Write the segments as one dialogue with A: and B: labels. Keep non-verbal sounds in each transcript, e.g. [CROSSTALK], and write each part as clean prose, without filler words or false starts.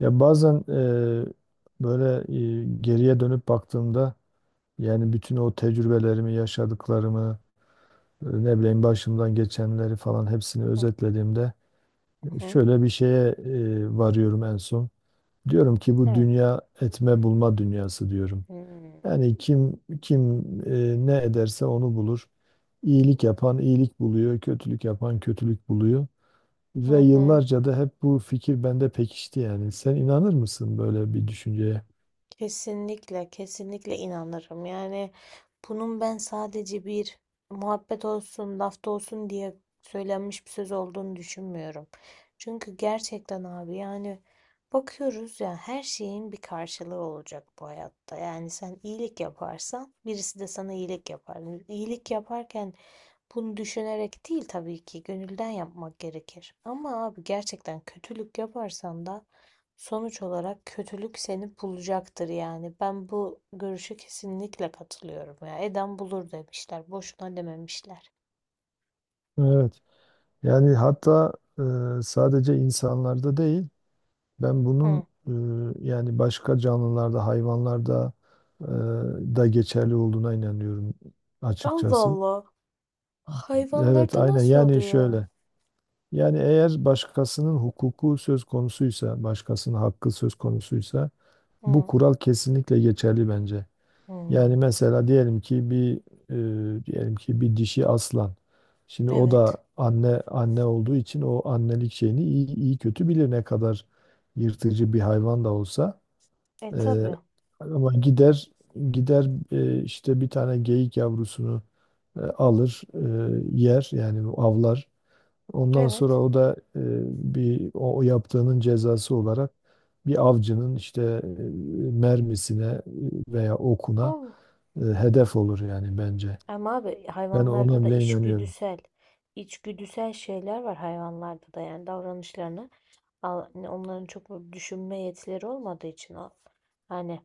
A: Ya bazen böyle geriye dönüp baktığımda yani bütün o tecrübelerimi, yaşadıklarımı, ne bileyim başımdan geçenleri falan hepsini
B: Hı
A: özetlediğimde
B: hı.
A: şöyle bir şeye varıyorum en son. Diyorum ki bu
B: Evet.
A: dünya etme bulma dünyası diyorum.
B: Hmm.
A: Yani kim ne ederse onu bulur. İyilik yapan iyilik buluyor, kötülük yapan kötülük buluyor.
B: Hı
A: Ve
B: hı.
A: yıllarca da hep bu fikir bende pekişti yani. Sen inanır mısın böyle bir düşünceye?
B: Kesinlikle, kesinlikle inanırım. Yani bunun ben sadece bir muhabbet olsun, lafta olsun diye söylenmiş bir söz olduğunu düşünmüyorum. Çünkü gerçekten abi yani bakıyoruz ya, her şeyin bir karşılığı olacak bu hayatta. Yani sen iyilik yaparsan birisi de sana iyilik yapar. İyilik yaparken bunu düşünerek değil, tabii ki gönülden yapmak gerekir. Ama abi gerçekten kötülük yaparsan da sonuç olarak kötülük seni bulacaktır yani. Ben bu görüşe kesinlikle katılıyorum ya. Eden bulur demişler. Boşuna dememişler.
A: Evet. Yani hatta sadece insanlarda değil, ben bunun
B: Hı.
A: yani başka canlılarda, hayvanlarda da geçerli olduğuna inanıyorum
B: Allah
A: açıkçası.
B: Allah.
A: Evet,
B: Hayvanlarda
A: aynen.
B: nasıl
A: Yani
B: oluyor?
A: şöyle. Yani eğer başkasının hukuku söz konusuysa, başkasının hakkı söz konusuysa bu
B: Hı.
A: kural kesinlikle geçerli bence. Yani
B: Hmm.
A: mesela diyelim ki bir dişi aslan. Şimdi o
B: Evet.
A: da anne olduğu için o annelik şeyini iyi kötü bilir ne kadar yırtıcı bir hayvan da olsa.
B: E
A: E,
B: tabii.
A: ama gider gider işte bir tane geyik yavrusunu alır, yer yani avlar. Ondan sonra
B: Evet.
A: o da bir o yaptığının cezası olarak bir avcının işte mermisine veya okuna
B: Allah.
A: hedef olur yani bence.
B: Ama abi
A: Ben
B: hayvanlarda
A: ona
B: da
A: bile inanıyorum.
B: içgüdüsel, içgüdüsel şeyler var hayvanlarda da, yani davranışlarına hani onların çok böyle düşünme yetileri olmadığı için o, hani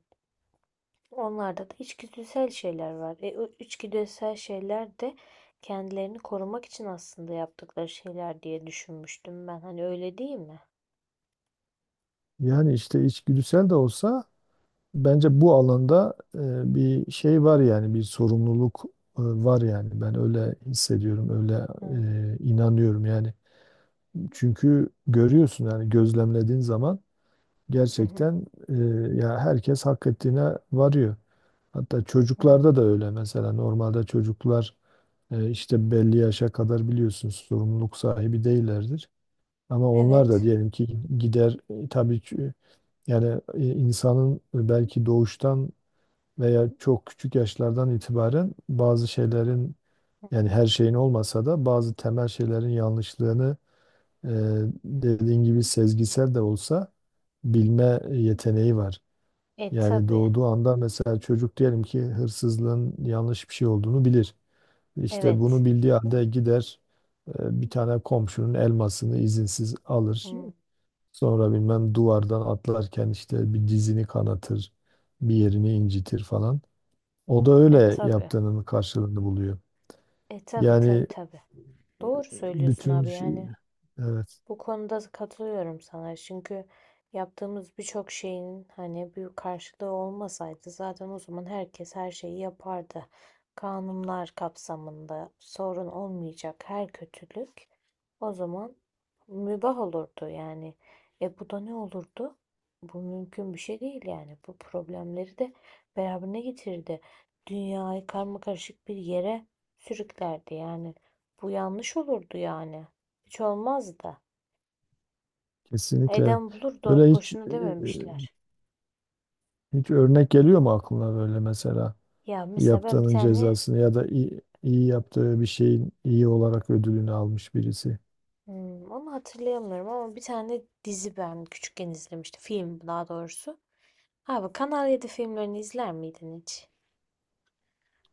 B: onlarda da içgüdüsel şeyler var. O içgüdüsel şeyler de kendilerini korumak için aslında yaptıkları şeyler diye düşünmüştüm ben. Hani öyle değil mi?
A: Yani işte içgüdüsel de olsa bence bu alanda bir şey var yani bir sorumluluk var yani. Ben öyle hissediyorum, öyle
B: Hmm.
A: inanıyorum yani. Çünkü görüyorsun yani gözlemlediğin zaman
B: Hı hı.
A: gerçekten ya herkes hak ettiğine varıyor. Hatta
B: Hmm.
A: çocuklarda da öyle, mesela normalde çocuklar işte belli yaşa kadar biliyorsunuz sorumluluk sahibi değillerdir. Ama onlar da
B: Evet.
A: diyelim ki gider tabii ki yani insanın belki doğuştan veya çok küçük yaşlardan itibaren bazı şeylerin, yani her şeyin olmasa da bazı temel şeylerin yanlışlığını e, dediğin gibi sezgisel de olsa bilme yeteneği var.
B: E
A: Yani
B: tabii.
A: doğduğu anda mesela çocuk diyelim ki hırsızlığın yanlış bir şey olduğunu bilir. İşte bunu
B: Evet.
A: bildiği halde gider bir tane komşunun elmasını izinsiz alır.
B: Hmm.
A: Sonra bilmem duvardan atlarken işte bir dizini kanatır, bir yerini incitir falan. O da
B: E
A: öyle
B: tabii.
A: yaptığının karşılığını buluyor.
B: E tabii tabii
A: Yani
B: tabii. Doğru söylüyorsun
A: bütün
B: abi
A: şey-
B: yani.
A: evet,
B: Bu konuda katılıyorum sana. Çünkü yaptığımız birçok şeyin hani büyük karşılığı olmasaydı, zaten o zaman herkes her şeyi yapardı. Kanunlar kapsamında sorun olmayacak her kötülük o zaman mübah olurdu yani. E, bu da ne olurdu? Bu mümkün bir şey değil yani. Bu problemleri de beraberine getirdi. Dünyayı karmakarışık bir yere sürüklerdi yani. Bu yanlış olurdu yani. Hiç olmazdı.
A: kesinlikle
B: Eden bulur da
A: böyle. hiç
B: boşuna
A: e,
B: dememişler.
A: hiç örnek geliyor mu aklına böyle mesela?
B: Ya mesela ben bir
A: Yaptığının
B: tane
A: cezasını ya da iyi yaptığı bir şeyin iyi olarak ödülünü almış birisi.
B: onu hatırlayamıyorum, ama bir tane dizi ben küçükken izlemiştim. Film daha doğrusu. Abi Kanal yedi filmlerini izler miydin hiç?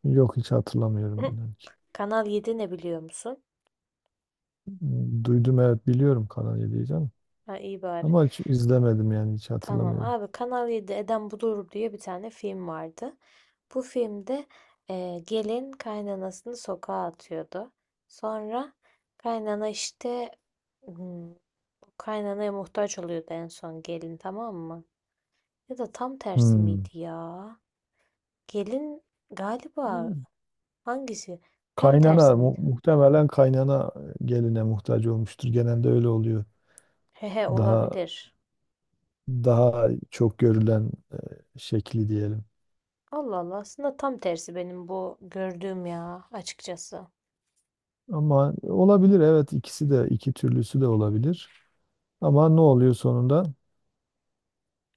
A: Yok, hiç hatırlamıyorum inan ki.
B: [LAUGHS] Kanal yedi ne biliyor musun?
A: Duydum, evet, biliyorum Kanal 7'yi canım.
B: Ha, iyi bari.
A: Ama hiç izlemedim yani hiç
B: Tamam
A: hatırlamıyorum.
B: abi, Kanal yedi Eden Bulur diye bir tane film vardı. Bu filmde gelin kaynanasını sokağa atıyordu. Sonra kaynana işte, hmm, kaynanaya muhtaç oluyordu en son gelin, tamam mı? Ya da tam tersi miydi
A: Hmm.
B: ya? Gelin galiba, hangisi? Tam tersi
A: Kaynana
B: miydi?
A: muhtemelen kaynana geline muhtaç olmuştur. Genelde öyle oluyor.
B: Hehe,
A: Daha
B: olabilir.
A: daha çok görülen şekli diyelim.
B: Allah Allah, aslında tam tersi benim bu gördüğüm ya açıkçası.
A: Ama olabilir, evet, ikisi de, iki türlüsü de olabilir. Ama ne oluyor sonunda?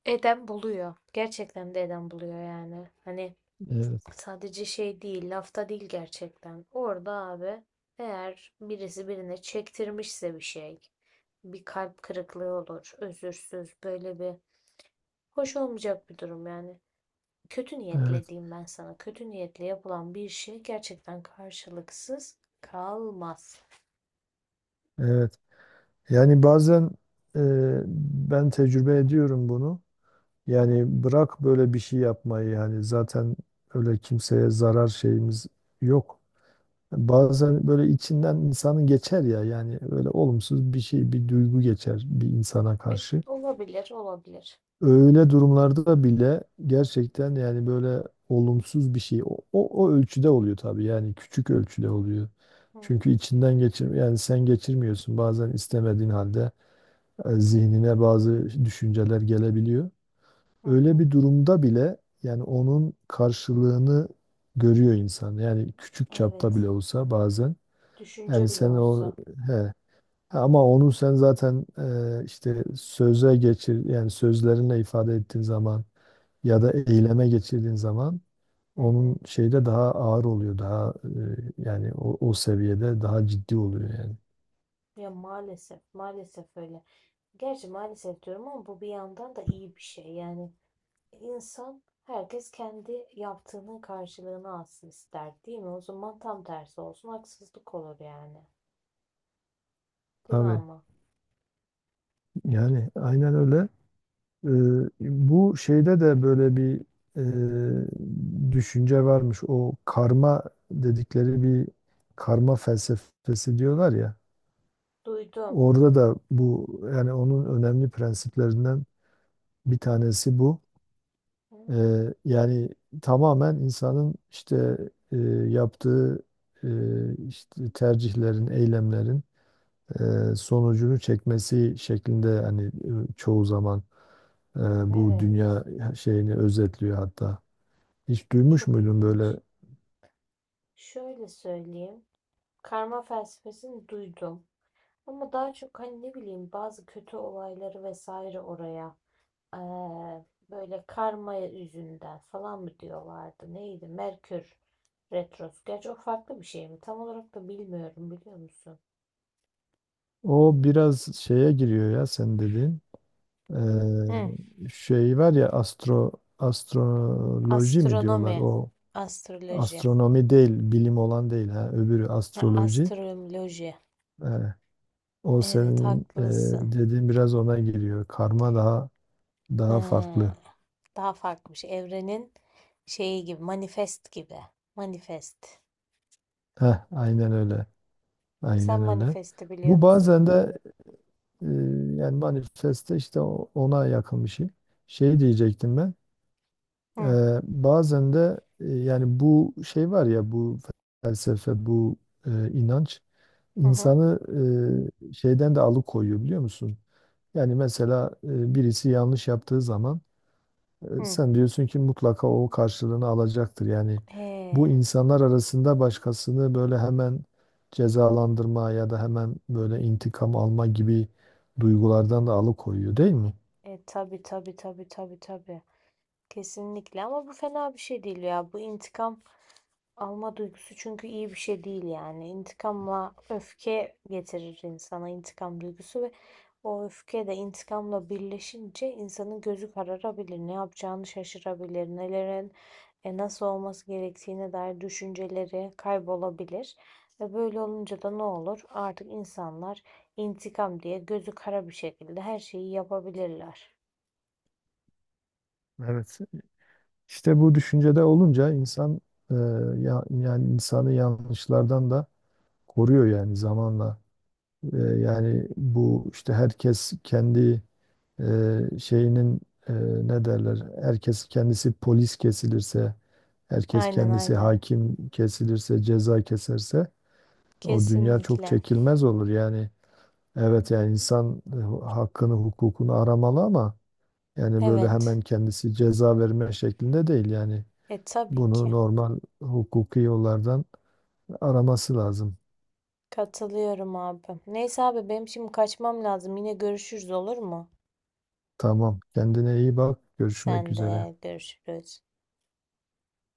B: Eden buluyor. Gerçekten de eden buluyor yani. Hani
A: Evet,
B: sadece şey değil, lafta değil, gerçekten. Orada abi, eğer birisi birine çektirmişse bir şey, bir kalp kırıklığı olur, özürsüz böyle bir hoş olmayacak bir durum yani. Kötü niyetle
A: evet,
B: diyeyim ben sana. Kötü niyetle yapılan bir şey gerçekten karşılıksız kalmaz.
A: evet. Yani bazen e, ben tecrübe ediyorum bunu.
B: Hı hı.
A: Yani bırak böyle bir şey yapmayı, yani zaten öyle kimseye zarar şeyimiz yok. Bazen böyle içinden insanın geçer ya, yani öyle olumsuz bir şey, bir duygu geçer bir insana
B: Evet,
A: karşı.
B: olabilir, olabilir.
A: Öyle durumlarda bile gerçekten yani böyle olumsuz bir şey o ölçüde oluyor tabii, yani küçük ölçüde oluyor.
B: Hı
A: Çünkü içinden geçir, yani sen geçirmiyorsun, bazen istemediğin halde zihnine bazı düşünceler gelebiliyor.
B: hı.
A: Öyle
B: Hı.
A: bir durumda bile yani onun karşılığını görüyor insan. Yani küçük çapta bile
B: Evet,
A: olsa bazen. Yani
B: düşünce bile
A: sen o,
B: olsa.
A: he, ama onu sen zaten işte söze geçir, yani sözlerinle ifade ettiğin zaman ya da eyleme geçirdiğin zaman
B: Hı
A: onun
B: hı.
A: şeyde daha ağır oluyor, daha yani o seviyede daha ciddi oluyor yani.
B: Ya maalesef, maalesef öyle. Gerçi maalesef diyorum ama bu bir yandan da iyi bir şey. Yani insan, herkes kendi yaptığının karşılığını alsın ister, değil mi? O zaman tam tersi olsun, haksızlık olur yani. Değil mi
A: Tabii,
B: ama?
A: yani aynen öyle. Ee, bu şeyde de böyle bir düşünce varmış. O karma dedikleri bir, karma felsefesi diyorlar ya.
B: Duydum.
A: Orada da bu, yani onun önemli prensiplerinden bir tanesi bu. Yani tamamen insanın işte e, yaptığı e, işte tercihlerin, eylemlerin sonucunu çekmesi şeklinde hani çoğu zaman e, bu
B: Evet.
A: dünya şeyini özetliyor hatta. Hiç duymuş
B: Çok
A: muydun böyle?
B: ilginç. Şöyle söyleyeyim. Karma felsefesini duydum. Ama daha çok hani ne bileyim, bazı kötü olayları vesaire oraya böyle karma yüzünden falan mı diyorlardı? Neydi? Merkür retrosu. Gerçi o farklı bir şey mi? Tam olarak da bilmiyorum, biliyor musun?
A: O biraz şeye giriyor ya sen dediğin.
B: Hı.
A: Şey var ya astroloji mi diyorlar?
B: Astronomi,
A: O
B: astroloji,
A: astronomi değil, bilim olan değil ha. Öbürü
B: ha,
A: astroloji.
B: astroloji.
A: Ee, o
B: Evet,
A: senin
B: haklısın.
A: dediğin biraz ona giriyor. Karma daha
B: Hmm,
A: farklı.
B: daha farklı bir şey. Evrenin şeyi gibi, manifest gibi. Manifest.
A: Heh, aynen öyle.
B: Sen
A: Aynen öyle.
B: manifesti biliyor
A: Bu
B: musun?
A: bazen de Ee, yani manifeste işte ona yakın bir şey. Şey diyecektim ben. Ee,
B: Hı
A: bazen de yani bu şey var ya, bu felsefe, bu inanç
B: hı hı.
A: insanı şeyden de alıkoyuyor biliyor musun? Yani mesela birisi yanlış yaptığı zaman e,
B: Hı.
A: Sen diyorsun ki mutlaka o karşılığını alacaktır. Yani bu,
B: Ee,
A: insanlar arasında başkasını böyle hemen cezalandırma ya da hemen böyle intikam alma gibi duygulardan da alıkoyuyor değil mi?
B: tabii tabii tabii tabii tabii. Kesinlikle, ama bu fena bir şey değil ya. Bu intikam alma duygusu çünkü iyi bir şey değil yani. İntikamla öfke getirir insana intikam duygusu, ve o öfke de intikamla birleşince insanın gözü kararabilir, ne yapacağını şaşırabilir, nelerin nasıl olması gerektiğine dair düşünceleri kaybolabilir. Ve böyle olunca da ne olur? Artık insanlar intikam diye gözü kara bir şekilde her şeyi yapabilirler.
A: Evet. İşte bu düşüncede olunca insan e, yani insanı yanlışlardan da koruyor yani zamanla. Yani bu işte herkes kendi e, şeyinin e, ne derler, herkes kendisi polis kesilirse, herkes
B: Aynen
A: kendisi
B: aynen.
A: hakim kesilirse, ceza keserse o dünya çok
B: Kesinlikle.
A: çekilmez olur yani. Evet, yani insan hakkını hukukunu aramalı, ama yani böyle hemen
B: Evet.
A: kendisi ceza verme şeklinde değil yani,
B: E tabii
A: bunu
B: ki.
A: normal hukuki yollardan araması lazım.
B: Katılıyorum abi. Neyse abi, benim şimdi kaçmam lazım. Yine görüşürüz, olur mu?
A: Tamam, kendine iyi bak, görüşmek
B: Sen
A: üzere.
B: de, görüşürüz.